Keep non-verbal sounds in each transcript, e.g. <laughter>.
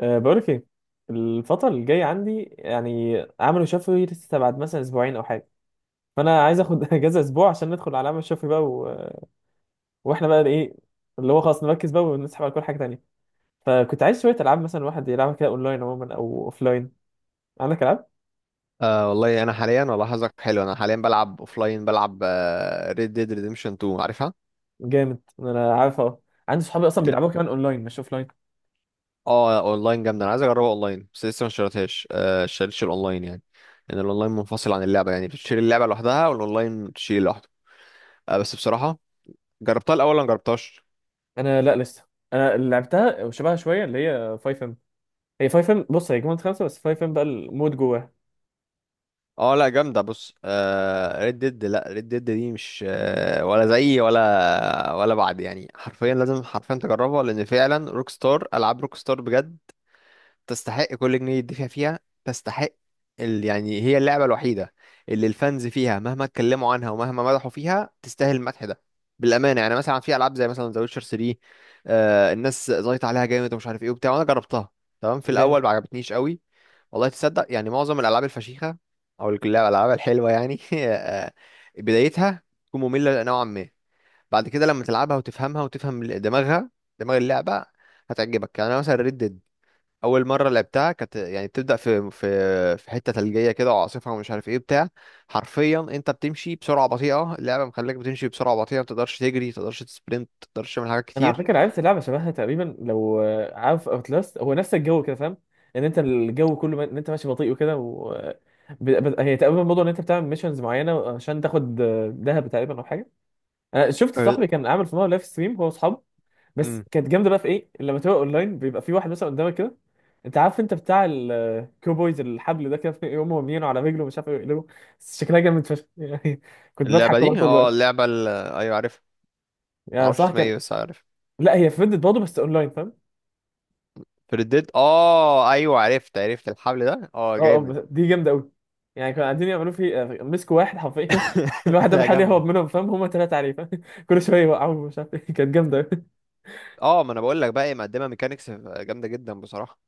بقولك ايه؟ الفترة اللي جاية عندي يعني عملوا شفوي لسه بعد مثلا اسبوعين او حاجة، فانا عايز اخد <laughs> اجازة اسبوع عشان ندخل على عمل شفوي بقى واحنا بقى ايه، اللي هو خلاص نركز بقى ونسحب على كل حاجة تانية. فكنت عايز شوية العاب مثلا الواحد يلعبها كده اونلاين عموما او اوفلاين. عندك العاب؟ آه، والله انا حاليا، والله حظك حلو. انا حاليا بلعب اوفلاين، بلعب ريد ديد ريديمشن 2. عارفها؟ جامد، انا عارف اه. عندي صحابي اصلا لا. بيلعبوها كمان اونلاين مش اوفلاين. اه اونلاين جامده، انا عايز اجربها اونلاين بس لسه ما اشتريتهاش. اشتريتش الاونلاين يعني، لان الاونلاين منفصل عن اللعبه، يعني بتشتري اللعبه لوحدها والاونلاين تشتري لوحده. بس بصراحه، جربتها الاول ولا ما جربتهاش؟ انا لا، لسه انا اللي لعبتها وشبهها شوية اللي هي 5 ام. هي 5 ام، بص هي جيم 5 بس 5 ام بقى المود جواها. اه لا جامده. بص، ريد ديد، لا ريد ديد دي مش ولا زي، ولا بعد، يعني حرفيا لازم حرفيا تجربها. لان فعلا روك ستار، العاب روك ستار بجد تستحق كل جنيه يدفع فيها. تستحق، ال... يعني هي اللعبة الوحيدة اللي الفانز فيها مهما اتكلموا عنها ومهما مدحوا فيها تستاهل المدح ده بالأمانة. يعني مثلا في ألعاب زي مثلا ذا ويتشر 3، آه الناس زايطة عليها جامد ومش عارف ايه وبتاع، وأنا جربتها. تمام، في الأول ما عجبتنيش قوي. والله تصدق؟ يعني معظم الألعاب الفشيخة الألعاب الحلوة يعني، <laughs> بدايتها تكون مملة نوعا ما. بعد كده لما تلعبها وتفهمها وتفهم دماغها، دماغ اللعبة، هتعجبك. يعني أنا مثلا ريد، اول مره لعبتها كانت يعني بتبدا في في حته ثلجيه كده وعاصفه ومش عارف ايه بتاع. حرفيا انت بتمشي بسرعه بطيئه، اللعبه مخليك بتمشي بسرعه بطيئه، ما تقدرش تجري، ما تقدرش تسبرنت، ما تقدرش تعمل حاجات انا على كتير. فكره عرفت لعبه شبهها تقريبا، لو عارف اوتلاست هو نفس الجو كده، فاهم ان انت الجو كله ان انت ماشي بطيء وكده و... آه، ب... ب... هي تقريبا موضوع ان انت بتعمل ميشنز معينه عشان تاخد ذهب تقريبا او حاجه. انا شفت أه، صاحبي كان عامل في مره لايف ستريم هو واصحابه، بس امم كانت جامده بقى في ايه لما تبقى اونلاين، بيبقى في واحد مثلا قدامك كده. انت عارف انت بتاع الكوبويز الحبل ده كده، يقوموا مرمينه على رجله مش عارف يقلبه، بس شكلها جامد فشخ <laughs> يعني. كنت اللعبه بضحك والله دي، طول اه الوقت. اللعبه، ال... ايوه عارفها. ما يعني اعرفش بصراحه اسمها كان. ايه بس عارف. لا هي في فيديو برضه بس اونلاين، فاهم. ديد، اه ايوه، عرفت عرفت الحبل ده، اه اه اه، جامد. بس دي جامده قوي. يعني كانوا قاعدين يعملوا في، مسكوا واحد حرفيا <laughs> كل واحد <laughs> ده لا بيحاول يهرب جامده. منهم، فاهم هما ثلاثه عليه، فاهم <laughs> كل شويه يوقعوه مش عارف ايه، كانت جامده قوي. اه، ما انا بقول لك بقى، هي مقدمه ميكانيكس جامده جدا بصراحه.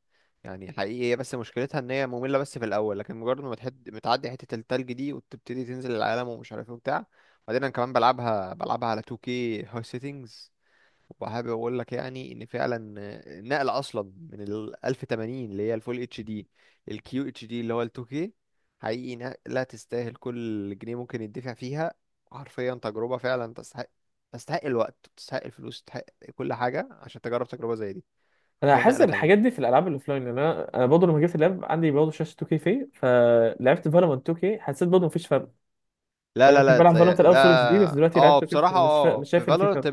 يعني حقيقي هي بس مشكلتها ان هي مملة بس في الاول، لكن مجرد ما تحد متعدي حتة التلج دي وتبتدي تنزل العالم ومش عارف ايه وبتاع. بعدين انا كمان بلعبها، بلعبها على 2K هاي سيتنجز، وحابب اقول لك يعني ان فعلا النقل اصلا من ال 1080 اللي هي الفول اتش دي، للكيو اتش دي اللي هو ال 2K، حقيقي نقلة تستاهل كل جنيه ممكن يدفع فيها. حرفيا تجربة فعلا تستحق. تستحق الوقت، تستحق الفلوس، تستحق كل حاجة عشان تجرب تجربة زي دي. انا حرفيا حاسس نقلة الحاجات دي تانية. في الالعاب الاوفلاين، لان انا برضه لما جيت اللعب عندي برضه شاشه 2K، في فلعبت فالورانت 2K حسيت برضه مفيش فرق. لا فانا لا كنت لا، بلعب زي فالورانت الاول لا. فول اتش دي، بس دلوقتي اه لعبت كيف بصراحة، اه مش في شايف ان في فالورنت، فرق.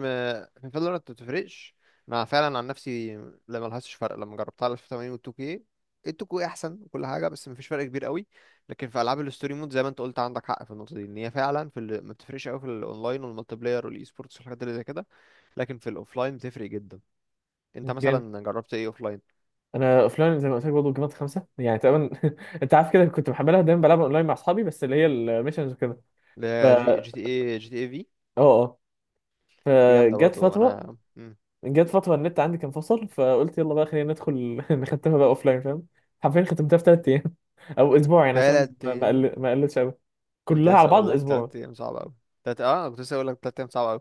في فالورنت ما بتفرقش. انا فعلا عن نفسي لا، ملهاش فرق لما جربتها على 1080 و 2K. ال 2K احسن وكل حاجة بس مفيش فرق كبير قوي. لكن في العاب الستوري مود زي ما انت قلت، عندك حق في النقطة دي، ان هي فعلا في ال، ما بتفرقش قوي في الاونلاين والمالتي بلاير والاي سبورتس والحاجات اللي زي كده، لكن في الاوفلاين بتفرق جدا. انت جامد. مثلا جربت ايه اوفلاين؟ انا اوفلاين زي ما قلت لك برضه جيمات 5 يعني تقريبا. <laughs> انت عارف كده، كنت محملها دايما بلعبها اونلاين مع اصحابي بس اللي هي الميشنز وكده. جي اه جي تي اي، جي تي اي في، اه. دي جامدة فجت برضو فتره. انا. مم. جت فترة النت عندي كان فصل، فقلت يلا بقى خلينا ندخل <laughs> نختمها بقى اوف لاين، فاهم. حرفيا ختمتها في 3 ايام <laughs> او اسبوع يعني عشان تلات، ما قلتش قوي. كنت كلها على لسه اقول بعض لك اسبوع. تلات ايام صعبه قوي. تلات، اه كنت لسه اقول لك تلات ايام صعبه قوي.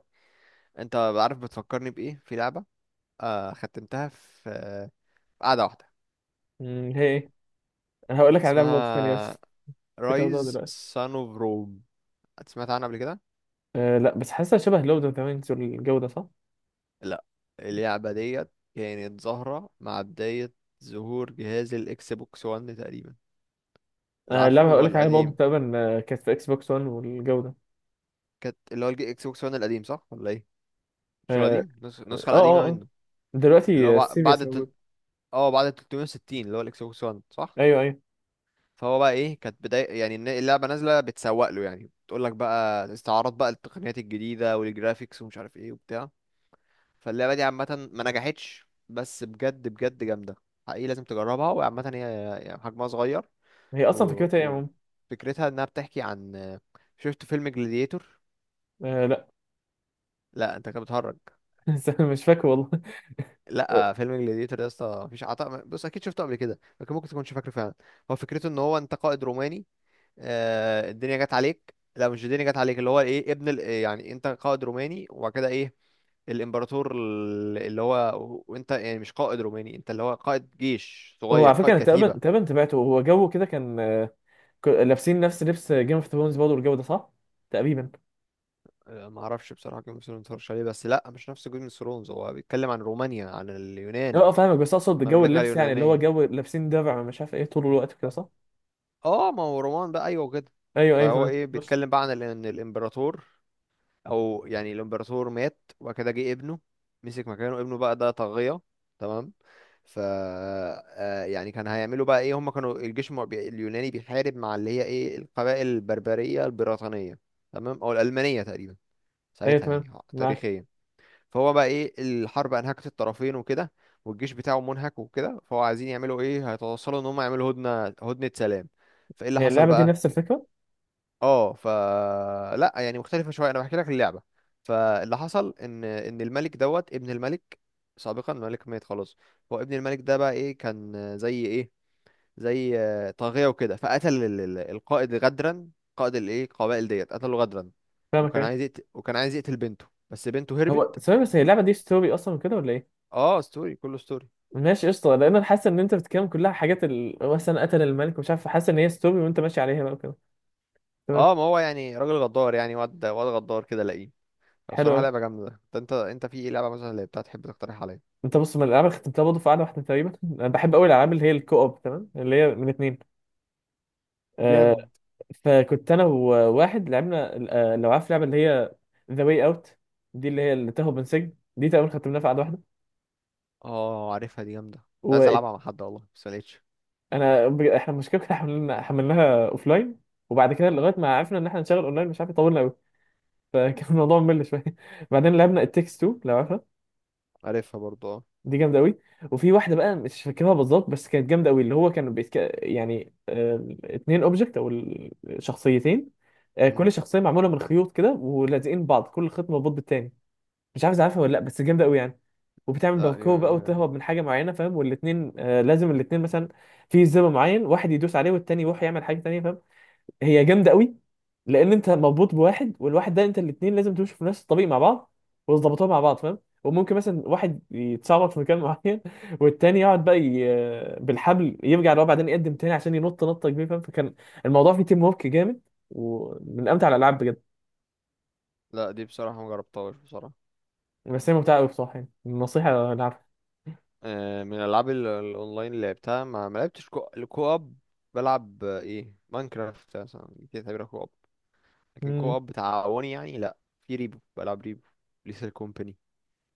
انت عارف بتفكرني بايه؟ في لعبه ختمتها في، في قعده واحده. هي ايه؟ انا هقول لك على لعبه اسمها برضه ثانيه بس افتكرتها رايز دلوقتي. سان اوف روم. سمعت عنها قبل كده؟ أه لا، بس حاسسها شبه لود اوف ذا رينجز والجو ده، صح؟ لا. اللعبه ديت كانت ظاهره مع بدايه ظهور جهاز الاكس بوكس 1 تقريبا، اللي عارفه اللعبه اللي هقول هو لك عليها برضه القديم. تقريبا، كانت في اكس بوكس 1 والجو ده. كانت اللي هو الاكس بوكس 1 القديم صح ولا ايه؟ مش اه القديم، اه النسخه اه. القديمه آه. منه. اللي هو دلوقتي بعد سيريس موجود. اه بعد 360 اللي هو الاكس بوكس 1 صح. ايوه ايوه. فهو بقى ايه؟ كانت بداية، يعني اللعبة نازلة بتسوق له، يعني بتقول لك بقى استعارات بقى التقنيات الجديدة والجرافيكس ومش عارف ايه وبتاع. فاللعبة دي عامة ما نجحتش، بس بجد بجد جامدة. حقيقي لازم تجربها، وعامة هي يعني حجمها صغير. هي اصلا فكرتها ايه يا و، عم؟ وفكرتها انها بتحكي عن، شفت فيلم جلاديتور؟ أه لا لا، انت كده بتهرج. <laughs> مش فاكر والله. لا فيلم جلاديتور ده يا اسطى مفيش عطاء، بص اكيد شفته قبل كده لكن ممكن تكونش فاكره فعلا. هو فكرته ان هو انت قائد روماني، الدنيا جت عليك، لا مش الدنيا جت عليك، اللي هو ايه، ابن ال، يعني انت قائد روماني وبعد كده ايه الامبراطور اللي هو، وانت يعني مش قائد روماني، انت اللي هو قائد جيش هو صغير، على فكره قائد انا تقريبا كتيبة. تقريبا تابعته، هو جو كده كان، لابسين نفس لبس جيم اوف ثرونز برضه والجو ده، صح؟ تقريبا. ما اعرفش بصراحة جيم اوف ثرونز اتفرجش عليه، بس لا مش نفس جيم اوف ثرونز، هو بيتكلم عن رومانيا، عن اه اليونان. فاهمك، بس اقصد جو المملكة اللبس يعني اللي هو اليونانية. جو لابسين درع مش عارف ايه طول الوقت كده، صح؟ اه ما هو رومان بقى ايوه كده. ايوه ايوه فهو تمام ايه بس. بيتكلم بقى عن ان الامبراطور، او يعني الامبراطور مات وبعد كده جه ابنه مسك مكانه، ابنه بقى ده طاغية. تمام. يعني كان هيعملوا بقى ايه؟ هم كانوا الجيش اليوناني بيحارب مع اللي هي ايه القبائل البربرية البريطانية، تمام، او الألمانية تقريبا ايوه ساعتها. تمام، يعني معاك. تاريخيا. فهو بقى ايه؟ الحرب انهكت الطرفين وكده، والجيش بتاعه منهك وكده، فهو عايزين يعملوا ايه؟ هيتوصلوا ان هم يعملوا هدنة، هدنة سلام. فايه اللي هي حصل اللعبه دي بقى؟ نفس الفكره؟ اه لا يعني مختلفه شويه، انا بحكي لك اللعبه. فاللي حصل ان الملك، دوت ابن الملك سابقا، الملك مات خلاص، هو ابن الملك ده بقى ايه كان زي ايه، زي طاغيه وكده، فقتل القائد غدرا، قائد الايه القبائل ديت قتله غدرا. فاهمك وكان ايوه. عايز يقتل، وكان عايز يقتل بنته، بس بنته هو هربت. ثواني بس، هي اللعبه دي ستوري اصلا كده ولا ايه؟ اه ستوري، كله ستوري. ماشي قشطه، لان انا حاسس ان انت بتتكلم كلها حاجات مثلا قتل الملك ومش عارف، حاسس ان هي ستوري وانت ماشي عليها بقى وكده. تمام. اه ما هو يعني راجل غدار يعني، واد غدار كده لاقيه. حلو بصراحه أوي. لعبه جامده. ده انت، انت في ايه لعبه مثلا اللي بتاعت تحب تقترح عليا؟ انت بص، من الالعاب اللي ختمتها برضه في قعده واحده تقريبا، انا بحب قوي الالعاب اللي هي الكو اوب، تمام، اللي هي من اتنين. آه، جامد. فكنت انا وواحد لعبنا لو عارف اللعبه اللي هي ذا واي اوت، دي اللي هي اللي تهرب من سجن، دي تقريبا ختمناها في قعده واحده. اه عارفها دي جامدة، كنت عايز العبها مع حد والله بس ملقتش. احنا المشكله كنا حملناها اوف لاين، وبعد كده لغايه ما عرفنا ان احنا نشغل اونلاين، مش عارف طولنا قوي <laughs> فكان الموضوع ممل شويه <laughs> بعدين لعبنا التكس 2 لو عارفها، عارفها برضو اه. دي جامده قوي. وفي واحده بقى مش فاكرها بالظبط بس كانت جامده قوي، اللي هو يعني اتنين اوبجكت او الشخصيتين، مم. كل شخصيه معموله من خيوط كده ولازقين بعض، كل خيط مربوط بالتاني، مش عارف إذا عارفها ولا لا، بس جامده قوي يعني. وبتعمل لا دي. باركور بقى وتهرب من حاجه معينه، فاهم، والاثنين لازم الاثنين مثلا في زر معين، واحد يدوس عليه والتاني يروح يعمل حاجه تانيه، فاهم. هي جامده قوي، لان انت مربوط بواحد والواحد ده انت، الاثنين لازم تمشوا في نفس الطريق مع بعض وتظبطوها مع بعض، فاهم. وممكن مثلا واحد يتسرب في مكان معين <laughs> والتاني يقعد بقى بالحبل يرجع لورا بعدين يقدم تاني عشان ينط نطه كبيره، فاهم. فكان الموضوع فيه تيم ورك جامد، ومن امتع الالعاب بجد. لا دي بصراحة ما جربتهاش بصراحة. بس هي ممتعه قوي بصراحه، يعني النصيحه من الالعاب الاونلاين اللي لعبتها، ما لعبتش كو، الكو اب. بلعب ايه، ماينكرافت مثلا دي تعتبرها كو اب، لكن كو العبها. اب تعاوني يعني لا. في ريبو، بلعب ريبو، ليتل كومباني.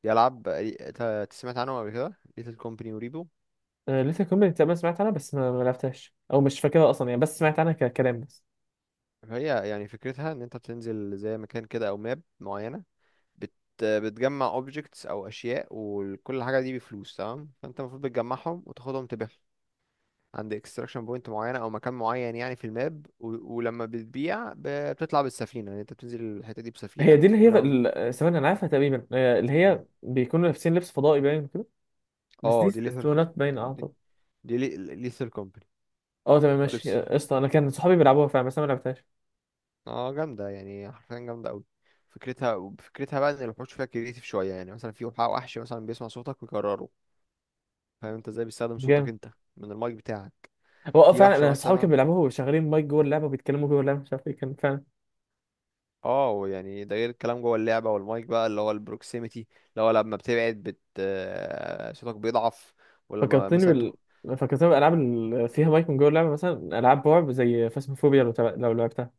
دي العاب إيه، أنت سمعت عنهم قبل كده؟ ليتل كومباني وريبو. لسه كومباني تقريبا سمعت عنها، بس ما لعبتهاش او مش فاكرها اصلا يعني، بس سمعت عنها ككلام بس. هي يعني فكرتها ان انت بتنزل زي مكان كده او ماب معينة، بت بتجمع اوبجكتس او اشياء، وكل حاجه دي بفلوس تمام، فانت المفروض بتجمعهم وتاخدهم تبيعهم عند اكستراكشن بوينت معينه او مكان معين يعني في الماب. و، ولما بتبيع، بتطلع بالسفينه، يعني انت بتنزل الحته دي هي دي بسفينه، اللي هي ولما، ثواني انا عارفها تقريبا، اللي مم. هي بيكونوا لابسين لبس فضائي باين كده، بس دي اه دي ليثر، اسطوانات باين دي اعتقد. دي ليثر كومباني. اه تمام ولبس، ماشي، قشطه. انا كان صحابي بيلعبوها فعلا بس انا ما لعبتهاش. اه جامده يعني حرفيا جامده قوي. فكرتها، فكرتها بقى ان الوحوش فيها كريتيف شويه. يعني مثلا في وحش مثلا بيسمع صوتك ويكرره، فاهم انت ازاي؟ بيستخدم صوتك جامد. انت من المايك بتاعك. هو في فعلا وحشة انا صحابي كانوا مثلا، بيلعبوها وشغالين مايك جوه اللعبه وبيتكلموا جوه اللعبه مش عارف ايه، كان فعلا. اه يعني ده غير الكلام جوه اللعبة والمايك بقى اللي هو البروكسيميتي، اللي هو لما بتبعد صوتك بيضعف، ولما فكرتني مثلا بال فكرتني بالالعاب اللي فيها مايك من جوه اللعبه، مثلا العاب رعب زي فاسموفوبيا، لو لعبتها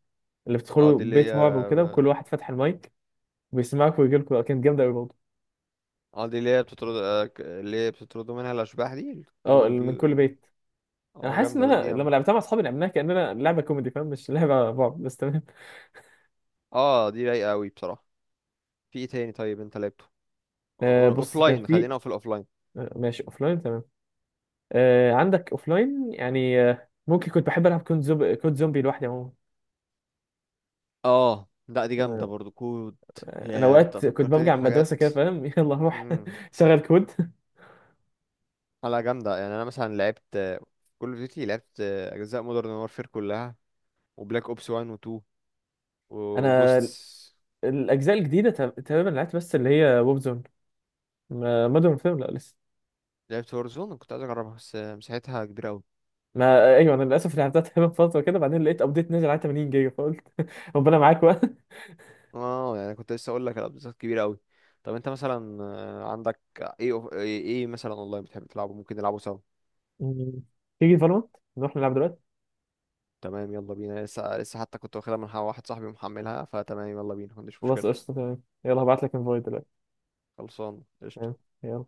اللي اه بتدخلوا دي اللي بيت رعب هي، وكده وكل واحد فاتح المايك، بيسمعك ويجيلكوا، كانت جامدة أوي برضه. اه دي اللي هي بتطرد، اللي هي بتطردوا منها الأشباح دي، اللي بتطرد اه، اللي من البيو. كل بيت. انا اه حاسس ان جامدة لا انا دي لما جامدة. لعبتها مع اصحابي لعبناها كاننا لعبه كوميدي، فاهم، مش لعبه بعض بس، تمام. اه دي رايقة أوي بصراحة. في ايه تاني طيب انت لعبته بص كان لاين؟ في. خلينا في الأوفلاين. آه ماشي لاين، تمام. آه عندك لاين يعني، ممكن كنت بحب العب كود زومبي، كود زومبي لوحدي عموما. اه لا دي جامدة آه، برضو كود. انا يا انت اوقات كنت فكرتني برجع من المدرسه بحاجات. كده، فاهم <laughs> يلا روح امم. شغل كود. على جامدة، يعني انا مثلا لعبت كل اوف ديوتي، لعبت اجزاء مودرن وارفير كلها، وبلاك اوبس 1 و 2 انا وجوستس. الاجزاء الجديده تقريبا لعبت، بس اللي هي ووب زون، ما مودرن وورفير لا لسه. لعبت هورزون، كنت عايز اجربها بس مساحتها كبيره قوي. ما ايوه انا للاسف لعبتها <laughs> تقريبا فتره كده، بعدين لقيت ابديت نزل على 80 جيجا فقلت <laughs> ربنا معاك بقى. اه يعني كنت لسه اقول لك الابزات كبيره قوي. طب انت مثلا عندك ايه، ايه إيه مثلا اونلاين بتحب تلعبه ممكن نلعبه سوا؟ مم. تيجي فالورانت نروح نلعب دلوقتي؟ تمام يلا بينا، لسه لسه حتى كنت واخدها من واحد صاحبي ومحملها، فتمام يلا بينا ما عنديش خلاص مشكله. قشطة تمام، يلا هبعت لك انفايت دلوقتي. خلصان قشطه. تمام يلا